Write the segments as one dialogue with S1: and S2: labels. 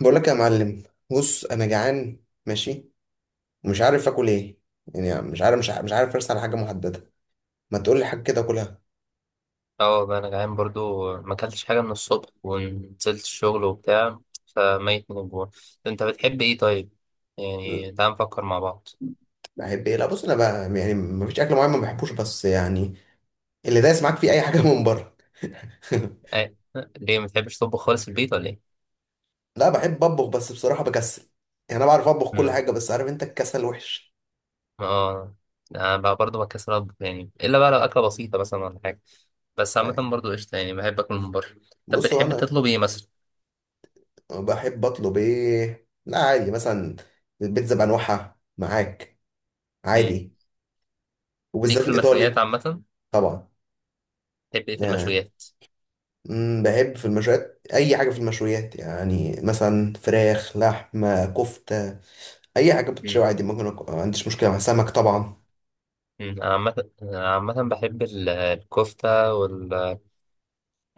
S1: بقول لك يا معلم. بص انا جعان ماشي، ومش عارف اكل ايه. يعني مش عارف ارسل على حاجه محدده. ما تقول لي حاجه كده اكلها.
S2: اه والله انا جعان برضو ما اكلتش حاجه من الصبح ونزلت الشغل وبتاع، فميت من الجوع. انت بتحب ايه طيب؟ يعني تعال نفكر مع بعض.
S1: بحب ايه؟ لا بص انا بقى يعني ما فيش اكل معين ما بحبوش، بس يعني اللي دايس معاك فيه اي حاجه من بره.
S2: أه. ليه ما بتحبش تطبخ خالص في البيت ولا ايه؟
S1: لا بحب اطبخ بس بصراحه بكسل. يعني انا بعرف اطبخ كل
S2: امم
S1: حاجه، بس عارف انت الكسل وحش.
S2: اه انا بقى برضو بكسر اطبخ، يعني الا بقى لو اكله بسيطه مثلا ولا حاجه، بس عامه
S1: يعني
S2: برضو قشطه يعني بحب اكل من بره. طب
S1: بص هو
S2: بتحب
S1: انا.
S2: تطلب ايه مثلا؟
S1: بحب اطلب ايه؟ لا عادي، مثلا البيتزا بانواعها معاك،
S2: امم
S1: عادي.
S2: ليك
S1: وبالذات
S2: في المشويات
S1: الايطالي.
S2: عامه.
S1: طبعا.
S2: بتحب ايه في
S1: يعني
S2: المشويات؟
S1: بحب في المشويات اي حاجه في المشويات، يعني مثلا فراخ، لحمه، كفته. اي حاجه بتشوي
S2: امم
S1: عادي ممكن ما عنديش مشكله مع سمك طبعا.
S2: أمم. انا عامه، أنا عامه بحب الكفته.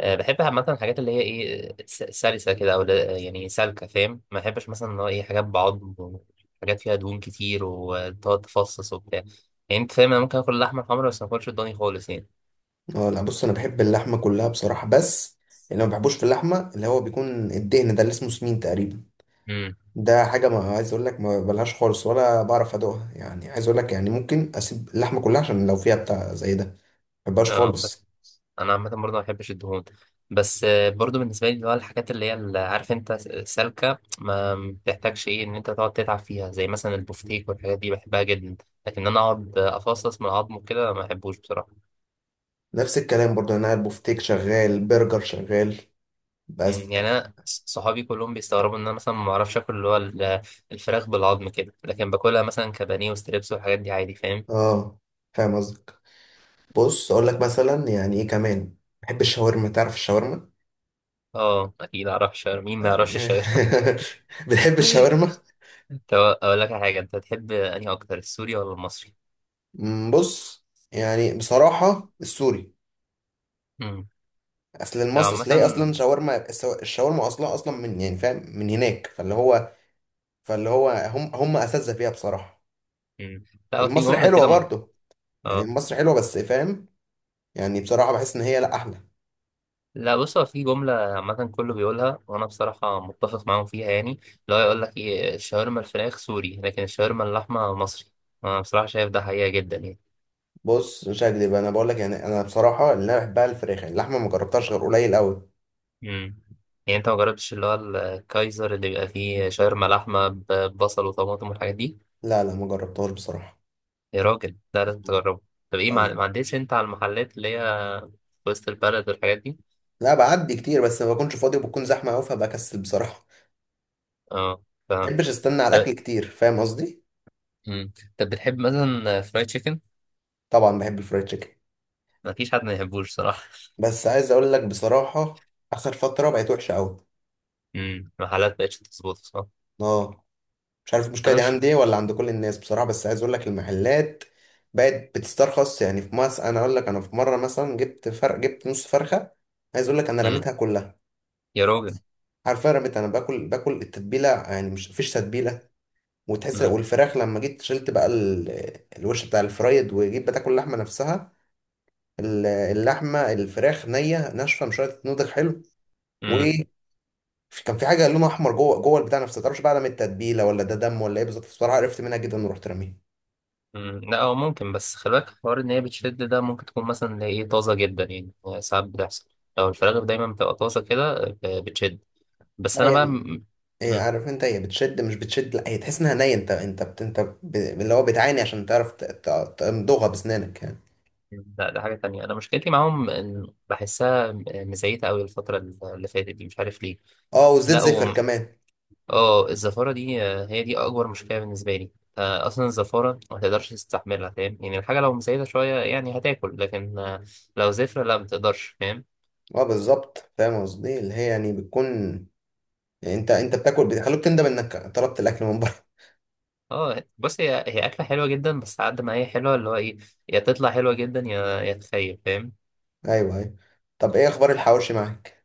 S2: بحب عامة الحاجات اللي هي ايه، سلسة كده او يعني سالكة، فاهم؟ ما بحبش مثلا اللي هو ايه، حاجات بعض، حاجات فيها دهون كتير وتقعد تفصص وبتاع. يعني انت فاهم، انا ممكن اكل اللحمة الحمرا بس ما اكلش الضاني خالص يعني.
S1: اه لا بص انا بحب اللحمه كلها بصراحه، بس اللي ما بحبوش في اللحمه اللي هو بيكون الدهن ده اللي اسمه سمين تقريبا.
S2: امم
S1: ده حاجه ما عايز اقول لك ما بلهاش خالص ولا بعرف ادوقها، يعني عايز اقول لك يعني ممكن اسيب اللحمه كلها عشان لو فيها بتاع زي ده ما بحبهاش
S2: اه بس
S1: خالص.
S2: انا عامة برضه ما بحبش الدهون، بس برضه بالنسبة لي اللي هو الحاجات اللي هي اللي عارف انت، سالكة، ما بتحتاجش ايه ان انت تقعد تتعب فيها، زي مثلا البفتيك والحاجات دي بحبها جدا، لكن انا اقعد افصص من العظم وكده ما بحبوش بصراحة.
S1: نفس الكلام برضه، يعني انا البوفتيك شغال، برجر شغال. بس.
S2: يعني انا صحابي كلهم بيستغربوا ان انا مثلا ما اعرفش اكل اللي هو الفراخ بالعظم كده، لكن باكلها مثلا كبانيه وستريبس والحاجات دي عادي فاهم.
S1: اه فاهم قصدي. بص اقول لك مثلا يعني ايه كمان. بحب الشاورما. تعرف الشاورما؟
S2: اه اكيد اعرف شاورما، مين ما يعرفش الشاورما؟
S1: بتحب الشاورما؟
S2: طب اقول لك على حاجه، انت تحب انهي اكتر، السوري ولا المصري؟
S1: بص، يعني بصراحة السوري.
S2: امم
S1: اصل المصري
S2: عامه.
S1: اصل هي اصلا الشاورما اصلا اصلا من يعني فاهم من هناك. فاللي هو هم اساتذة فيها بصراحة.
S2: مم. لا هو في
S1: المصري
S2: جمله
S1: حلوة
S2: كده
S1: برضه. يعني
S2: اه.
S1: المصري حلوة بس فاهم. يعني بصراحة بحس ان هي لا احلى.
S2: لا بص، هو في جمله عامه كله بيقولها وانا بصراحه متفق معاهم فيها، يعني اللي هو يقول لك ايه، الشاورما الفراخ سوري، لكن الشاورما اللحمه مصري. انا بصراحه شايف ده حقيقه جدا يعني.
S1: بص مش هكدب انا بقول لك، يعني انا بصراحة اللي انا بحبها الفراخ، اللحمة ما جربتهاش غير قليل قوي.
S2: مم. يعني انت ما جربتش اللي هو الكايزر اللي بيبقى فيه شاورما لحمه ببصل وطماطم والحاجات دي؟
S1: لا لا ما جربتهاش بصراحة.
S2: يا راجل ده لازم تجربه. طب ايه، ما عدتش انت على المحلات اللي هي في وسط البلد والحاجات دي؟
S1: لا بعدي كتير، بس ما بكونش فاضي وبكون زحمه قوي فبكسل بصراحه.
S2: اه
S1: ما
S2: فاهم.
S1: بحبش استنى على الاكل
S2: طب.
S1: كتير، فاهم قصدي.
S2: مم. طب بتحب مثلا فرايد تشيكن؟
S1: طبعا بحب الفرايد تشيكن.
S2: مفيش حد ما يحبوش صراحه.
S1: بس عايز اقول لك بصراحه، اخر فتره بقت وحشه قوي.
S2: مم. المحلات مبقتش تظبط، صح.
S1: اه. مش عارف المشكله
S2: انا
S1: دي
S2: مش.
S1: عندي إيه ولا عند كل الناس بصراحه، بس عايز اقول لك المحلات بقت بتسترخص يعني في مصر. انا اقول لك انا في مره مثلا جبت فرق، جبت نص فرخه، عايز اقول لك انا
S2: مم.
S1: رميتها كلها.
S2: يا راجل.
S1: حرفيا رميتها. انا باكل التتبيله، يعني مش مفيش تتبيله. وتحس
S2: مم.
S1: والفراخ لما جيت شلت بقى الوش بتاع الفرايد وجيت بتاكل اللحمه نفسها. اللحمه، الفراخ نيه ناشفه مش قادره تتنضج حلو.
S2: مم.
S1: وكان في حاجه لونها احمر جوه جوه البتاع نفسه، متعرفش بقى ده من التتبيله ولا ده دم ولا ايه بالظبط بصراحه، عرفت منها جدا ورحت راميها.
S2: مم، لا هو ممكن، بس خلي بالك حوار، ان هي بتشد ده ممكن تكون مثلا اللي هي ايه، طازه جدا، يعني هو ساعات بتحصل، لو الفراخ دايما بتبقى طازه كده بتشد. بس
S1: لا
S2: انا بقى
S1: هي هي
S2: مم،
S1: عارف انت هي بتشد مش بتشد، لا هي تحس انها نيه، انت انت بت... انت ب... اللي هو بتعاني عشان تعرف تمضغها بسنانك يعني.
S2: لا ده حاجه تانية. انا مشكلتي معاهم إن بحسها مزيته قوي، الفتره اللي فاتت دي، مش عارف ليه.
S1: اه والزيت
S2: لا
S1: زفر كمان.
S2: اه، الزفاره دي هي دي اكبر مشكله بالنسبه لي. اصلا الزفاره ما تقدرش تستحملها، فاهم يعني؟ الحاجه لو مزيته شويه يعني هتاكل، لكن لو زفره لا، ما تقدرش، فاهم؟
S1: اه بالظبط فاهم قصدي، اللي هي يعني بتكون، يعني انت بتاكل بيخلوك تندم انك طلبت الاكل من بره.
S2: اه بص، هي اكله حلوه جدا، بس على قد ما هي حلوه اللي هو ايه، يا تطلع حلوه جدا، يا تخيب، فاهم.
S1: ايوه ايوه. طب ايه اخبار الحواوشي معاك؟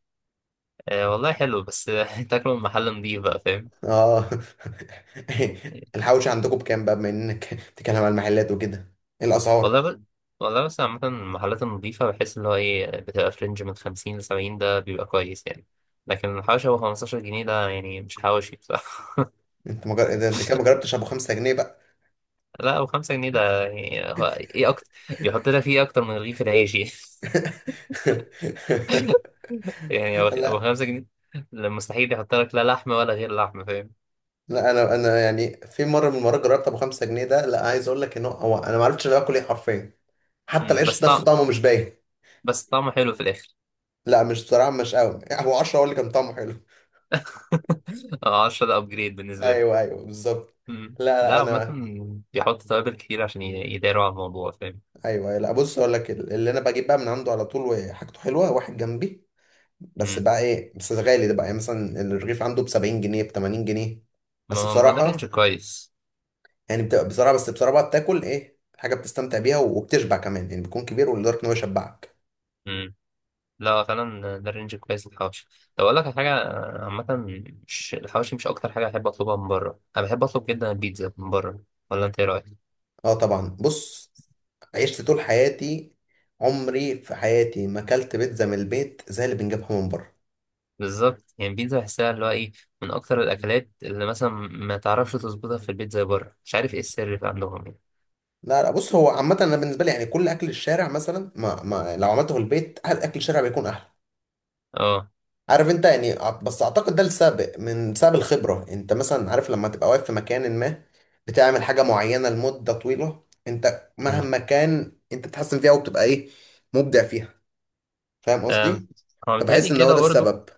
S2: والله حلو، بس تاكله من محل نضيف بقى فاهم.
S1: اه. الحواوشي عندكم بكام بقى، بما انك بتتكلم على المحلات وكده؟ ايه الاسعار؟
S2: والله والله بس عامه المحلات النضيفه بحس اللي هو ايه بتبقى في رينج من 50 ل 70، ده بيبقى كويس يعني، لكن الحواشي هو 15 جنيه، ده يعني مش حواشي بصراحه.
S1: ده انت كده ما جربتش ابو 5 جنيه بقى.
S2: لا 5 جنيه ده يعني هو ايه اكتر، بيحط لك فيه اكتر من رغيف العيش يعني. هو هو
S1: لا
S2: 5 جنيه. لا، مستحيل يحط لك لا لحمه ولا غير لحمه، فاهم.
S1: لا انا. انا يعني في مره من المرات جربت ابو 5 جنيه ده، لا عايز اقول لك ان هو هو انا ما عرفتش انا باكل ايه حرفيا. حتى
S2: مم، بس
S1: العيش نفسه
S2: طعم
S1: طعمه مش باين.
S2: بس طعمه حلو في الاخر.
S1: لا مش، صراحه مش قوي. هو 10 هو اللي كان طعمه حلو.
S2: 10 ده ابجريد بالنسبه
S1: ايوه
S2: لك.
S1: ايوه بالظبط.
S2: مم.
S1: لا لا
S2: لا عامة
S1: انا.
S2: بيحط توابل كتير عشان يداروا على الموضوع، فاهم.
S1: ايوه لا بص اقول لك اللي انا بجيب بقى من عنده على طول، وحاجته حلوه، واحد جنبي. بس
S2: مم.
S1: بقى ايه بس غالي ده بقى، يعني مثلا الرغيف عنده ب 70 جنيه، ب 80 جنيه. بس
S2: ما هو ده رينج
S1: بصراحه،
S2: كويس.
S1: يعني بتبقى بصراحه، بس بصراحه بقى بتاكل ايه حاجه بتستمتع بيها وبتشبع كمان، يعني بيكون كبير ولدرجه ان هو يشبعك.
S2: مم. لا فعلا ده رينج كويس للحواوشي. طب اقول لك على حاجه، عامة، مش الحواوشي مش اكتر حاجه احب اطلبها من بره، انا بحب اطلب جدا البيتزا من بره، ولا انت ايه رايك؟
S1: اه طبعا بص. عشت طول حياتي، عمري في حياتي ما اكلت بيتزا من البيت زي اللي بنجيبها من بره.
S2: بالظبط، يعني البيتزا بحسها اللي هو ايه، من اكتر الاكلات اللي مثلا ما تعرفش تظبطها في البيت زي بره، مش عارف ايه السر في عندهم يعني.
S1: لا لا بص، هو عامه انا بالنسبه لي يعني كل اكل الشارع مثلا ما لو عملته في البيت أهل اكل الشارع بيكون احلى.
S2: اه.
S1: عارف انت، يعني بس اعتقد ده السبب من بسبب الخبرة. انت مثلا عارف لما تبقى واقف في مكان ما بتعمل حاجة معينة لمدة طويلة، انت مهما كان انت بتحسن فيها وبتبقى ايه، مبدع فيها. فاهم
S2: آم،
S1: قصدي.
S2: هو
S1: فبحس
S2: متهيألي
S1: ان هو
S2: كده
S1: ده
S2: برضه.
S1: السبب.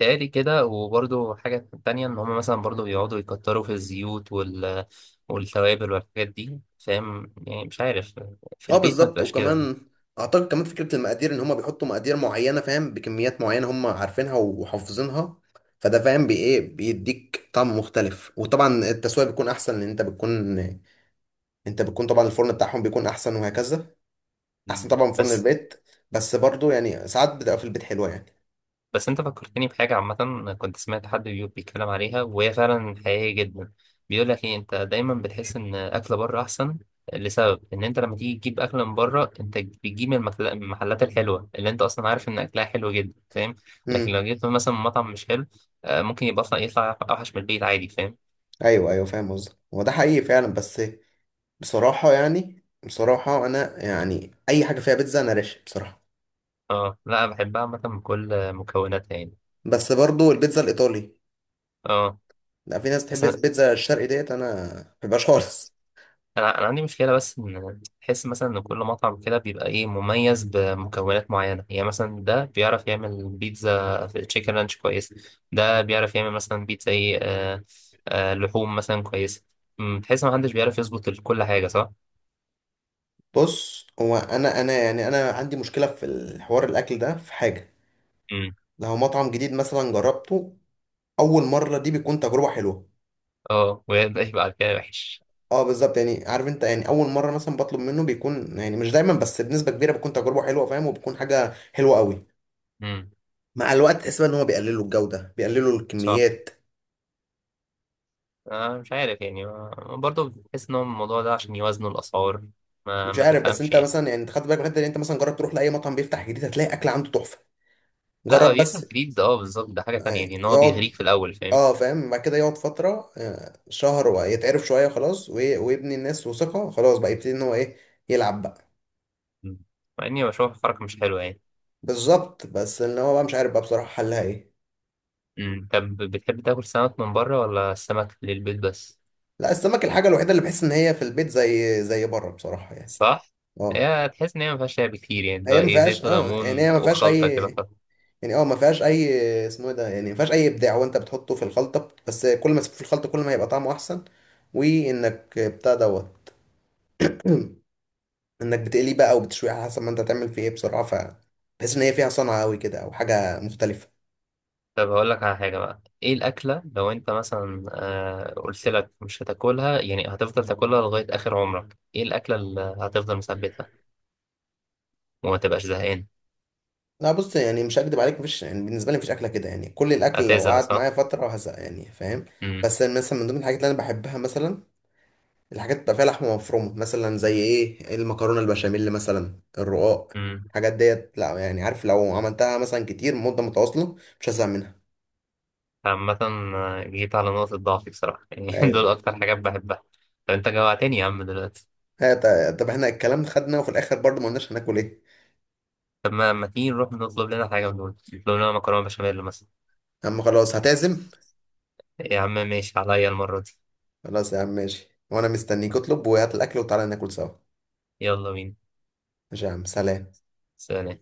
S2: متهيألي كده، وبرضه حاجة تانية إن هما مثلا برضه بيقعدوا يكتروا في الزيوت والتوابل والحاجات دي، فاهم يعني، مش عارف، في
S1: اه
S2: البيت ما
S1: بالظبط.
S2: تبقاش كده.
S1: وكمان اعتقد كمان فكرة المقادير، ان هم بيحطوا مقادير معينة فاهم، بكميات معينة هم عارفينها وحافظينها. فده فاهم بي ايه، بيديك طعم مختلف. وطبعا التسوية بيكون احسن، لان انت بتكون، انت بتكون طبعا الفرن بتاعهم بيكون احسن، وهكذا. احسن
S2: مم.
S1: طبعا من فرن
S2: بس
S1: البيت. بس برضو يعني ساعات بتبقى في البيت حلوه يعني.
S2: بس انت فكرتني بحاجة عامة، كنت سمعت حد بيتكلم عليها وهي فعلا حقيقية جدا. بيقول لك ايه، انت دايما بتحس ان اكل بره احسن، لسبب ان انت لما تيجي تجيب اكل من بره انت بتجيب من من المحلات الحلوة اللي انت اصلا عارف ان اكلها حلو جدا، فاهم. لكن
S1: امم.
S2: لو جبت مثلا من مطعم مش حلو، ممكن يبقى اصلا يطلع اوحش من البيت عادي فاهم.
S1: ايوه ايوه فاهم قصدك، هو ده حقيقي فعلا، بس بصراحه يعني بصراحه انا يعني اي حاجه فيها بيتزا انا راشق بصراحه.
S2: اه لا أنا بحبها عامة بكل مكوناتها يعني.
S1: بس برضو البيتزا الايطالي.
S2: اه
S1: لا في ناس بتحب
S2: بس
S1: البيتزا الشرقي ديت انا ما بحبهاش خالص.
S2: انا عندي مشكله بس ان تحس مثلا ان كل مطعم كده بيبقى ايه، مميز بمكونات معينه، يعني مثلا ده بيعرف يعمل بيتزا في تشيكن رانش كويس، ده بيعرف يعمل مثلا بيتزا ايه، لحوم مثلا كويسه. تحس ما حدش بيعرف يظبط كل حاجه، صح.
S1: بص هو انا يعني انا عندي مشكله في الحوار الاكل ده في حاجه.
S2: امم
S1: لو مطعم جديد مثلا جربته، اول مره دي بيكون تجربه حلوه.
S2: اه وده يبقى على كده وحش.
S1: اه بالظبط، يعني عارف انت يعني اول مره مثلا بطلب منه بيكون يعني مش دايما بس بنسبه كبيره بتكون تجربه حلوه فاهم، وبتكون حاجه حلوه قوي.
S2: امم
S1: مع الوقت تحس بقى ان هو بيقللوا الجوده، بيقللوا
S2: صح.
S1: الكميات.
S2: مش عارف يعني، برضه بحس ان هو الموضوع ده عشان يوازنوا الاسعار، ما
S1: مش عارف، بس
S2: تفهمش
S1: انت
S2: يعني.
S1: مثلا يعني انت خدت بالك من الحته دي؟ انت مثلا جرب تروح لاي مطعم بيفتح جديد، هتلاقي اكل عنده تحفه.
S2: لا هو
S1: جرب
S2: بيفتح
S1: بس.
S2: جديد اه بالظبط، ده حاجه تانية يعني، ان هو
S1: يقعد.
S2: بيغريك في الاول، فاهم.
S1: اه فاهم، بعد كده يقعد فتره شهر ويتعرف شويه خلاص، ويبني الناس وثقه، خلاص بقى يبتدي ان هو ايه، يلعب بقى.
S2: مم. مع اني بشوف الحركة مش حلوة يعني.
S1: بالظبط، بس ان هو بقى مش عارف بقى بصراحه حلها ايه.
S2: مم. طب بتحب تاكل سمك من بره ولا السمك للبيت بس؟
S1: لا السمك الحاجة الوحيدة اللي بحس إن هي في البيت زي بره بصراحة يعني.
S2: صح.
S1: اه
S2: هي تحس ان هي مفيهاش لعب كتير، يعني اللي
S1: هي
S2: هو
S1: ما
S2: ايه
S1: فيهاش،
S2: زيت
S1: اه يعني
S2: وليمون
S1: هي ما فيهاش
S2: وخلطة كده
S1: أي،
S2: خلاص.
S1: يعني اه ما فيهاش أي، اسمه إيه ده، يعني ما فيهاش أي إبداع، وأنت بتحطه في الخلطة بس، كل ما تسيبه في الخلطة كل ما هيبقى طعمه أحسن. وإنك بتاع دوت، إنك بتقليه بقى أو بتشويه على حسب ما أنت هتعمل فيه إيه بصراحة. ف بحس إن هي فيها صنعة أوي كده أو حاجة مختلفة.
S2: طب هقول لك على حاجة بقى، ايه الأكلة لو انت مثلا، آه قلت لك مش هتاكلها، يعني هتفضل تاكلها لغاية آخر عمرك، ايه الأكلة اللي هتفضل مثبتها وما تبقاش زهقان؟
S1: لا بص يعني مش هكدب عليك، مفيش يعني بالنسبة لي مفيش أكلة كده يعني، كل الأكل لو
S2: هتزهق
S1: قعد
S2: صح؟
S1: معايا فترة هزهق يعني، فاهم.
S2: مم.
S1: بس مثلا من ضمن الحاجات اللي أنا بحبها مثلا، الحاجات اللي بتبقى فيها لحمة مفرومة مثلا زي ايه، المكرونة البشاميل مثلا، الرقاق.
S2: مم.
S1: الحاجات ديت لا يعني، عارف لو عملتها مثلا كتير مدة متواصلة مش هزهق منها.
S2: عامة جيت على نقطة ضعفي بصراحة يعني.
S1: ايوه.
S2: دول أكتر حاجات بحبها. طب انت جوعتني يا عم دلوقتي.
S1: طب احنا الكلام خدنا وفي الاخر برضه ما قلناش هناكل ايه.
S2: طب ما ما تيجي نروح نطلب لنا حاجة من دول، نطلب لنا مكرونة بشاميل مثلا.
S1: يا عم خلاص هتعزم.
S2: يا عم ماشي عليا المرة دي.
S1: خلاص يا عم ماشي، وانا مستنيك اطلب وهات الاكل وتعالى ناكل سوا.
S2: يلا بينا.
S1: ماشي يا عم، سلام.
S2: سلام.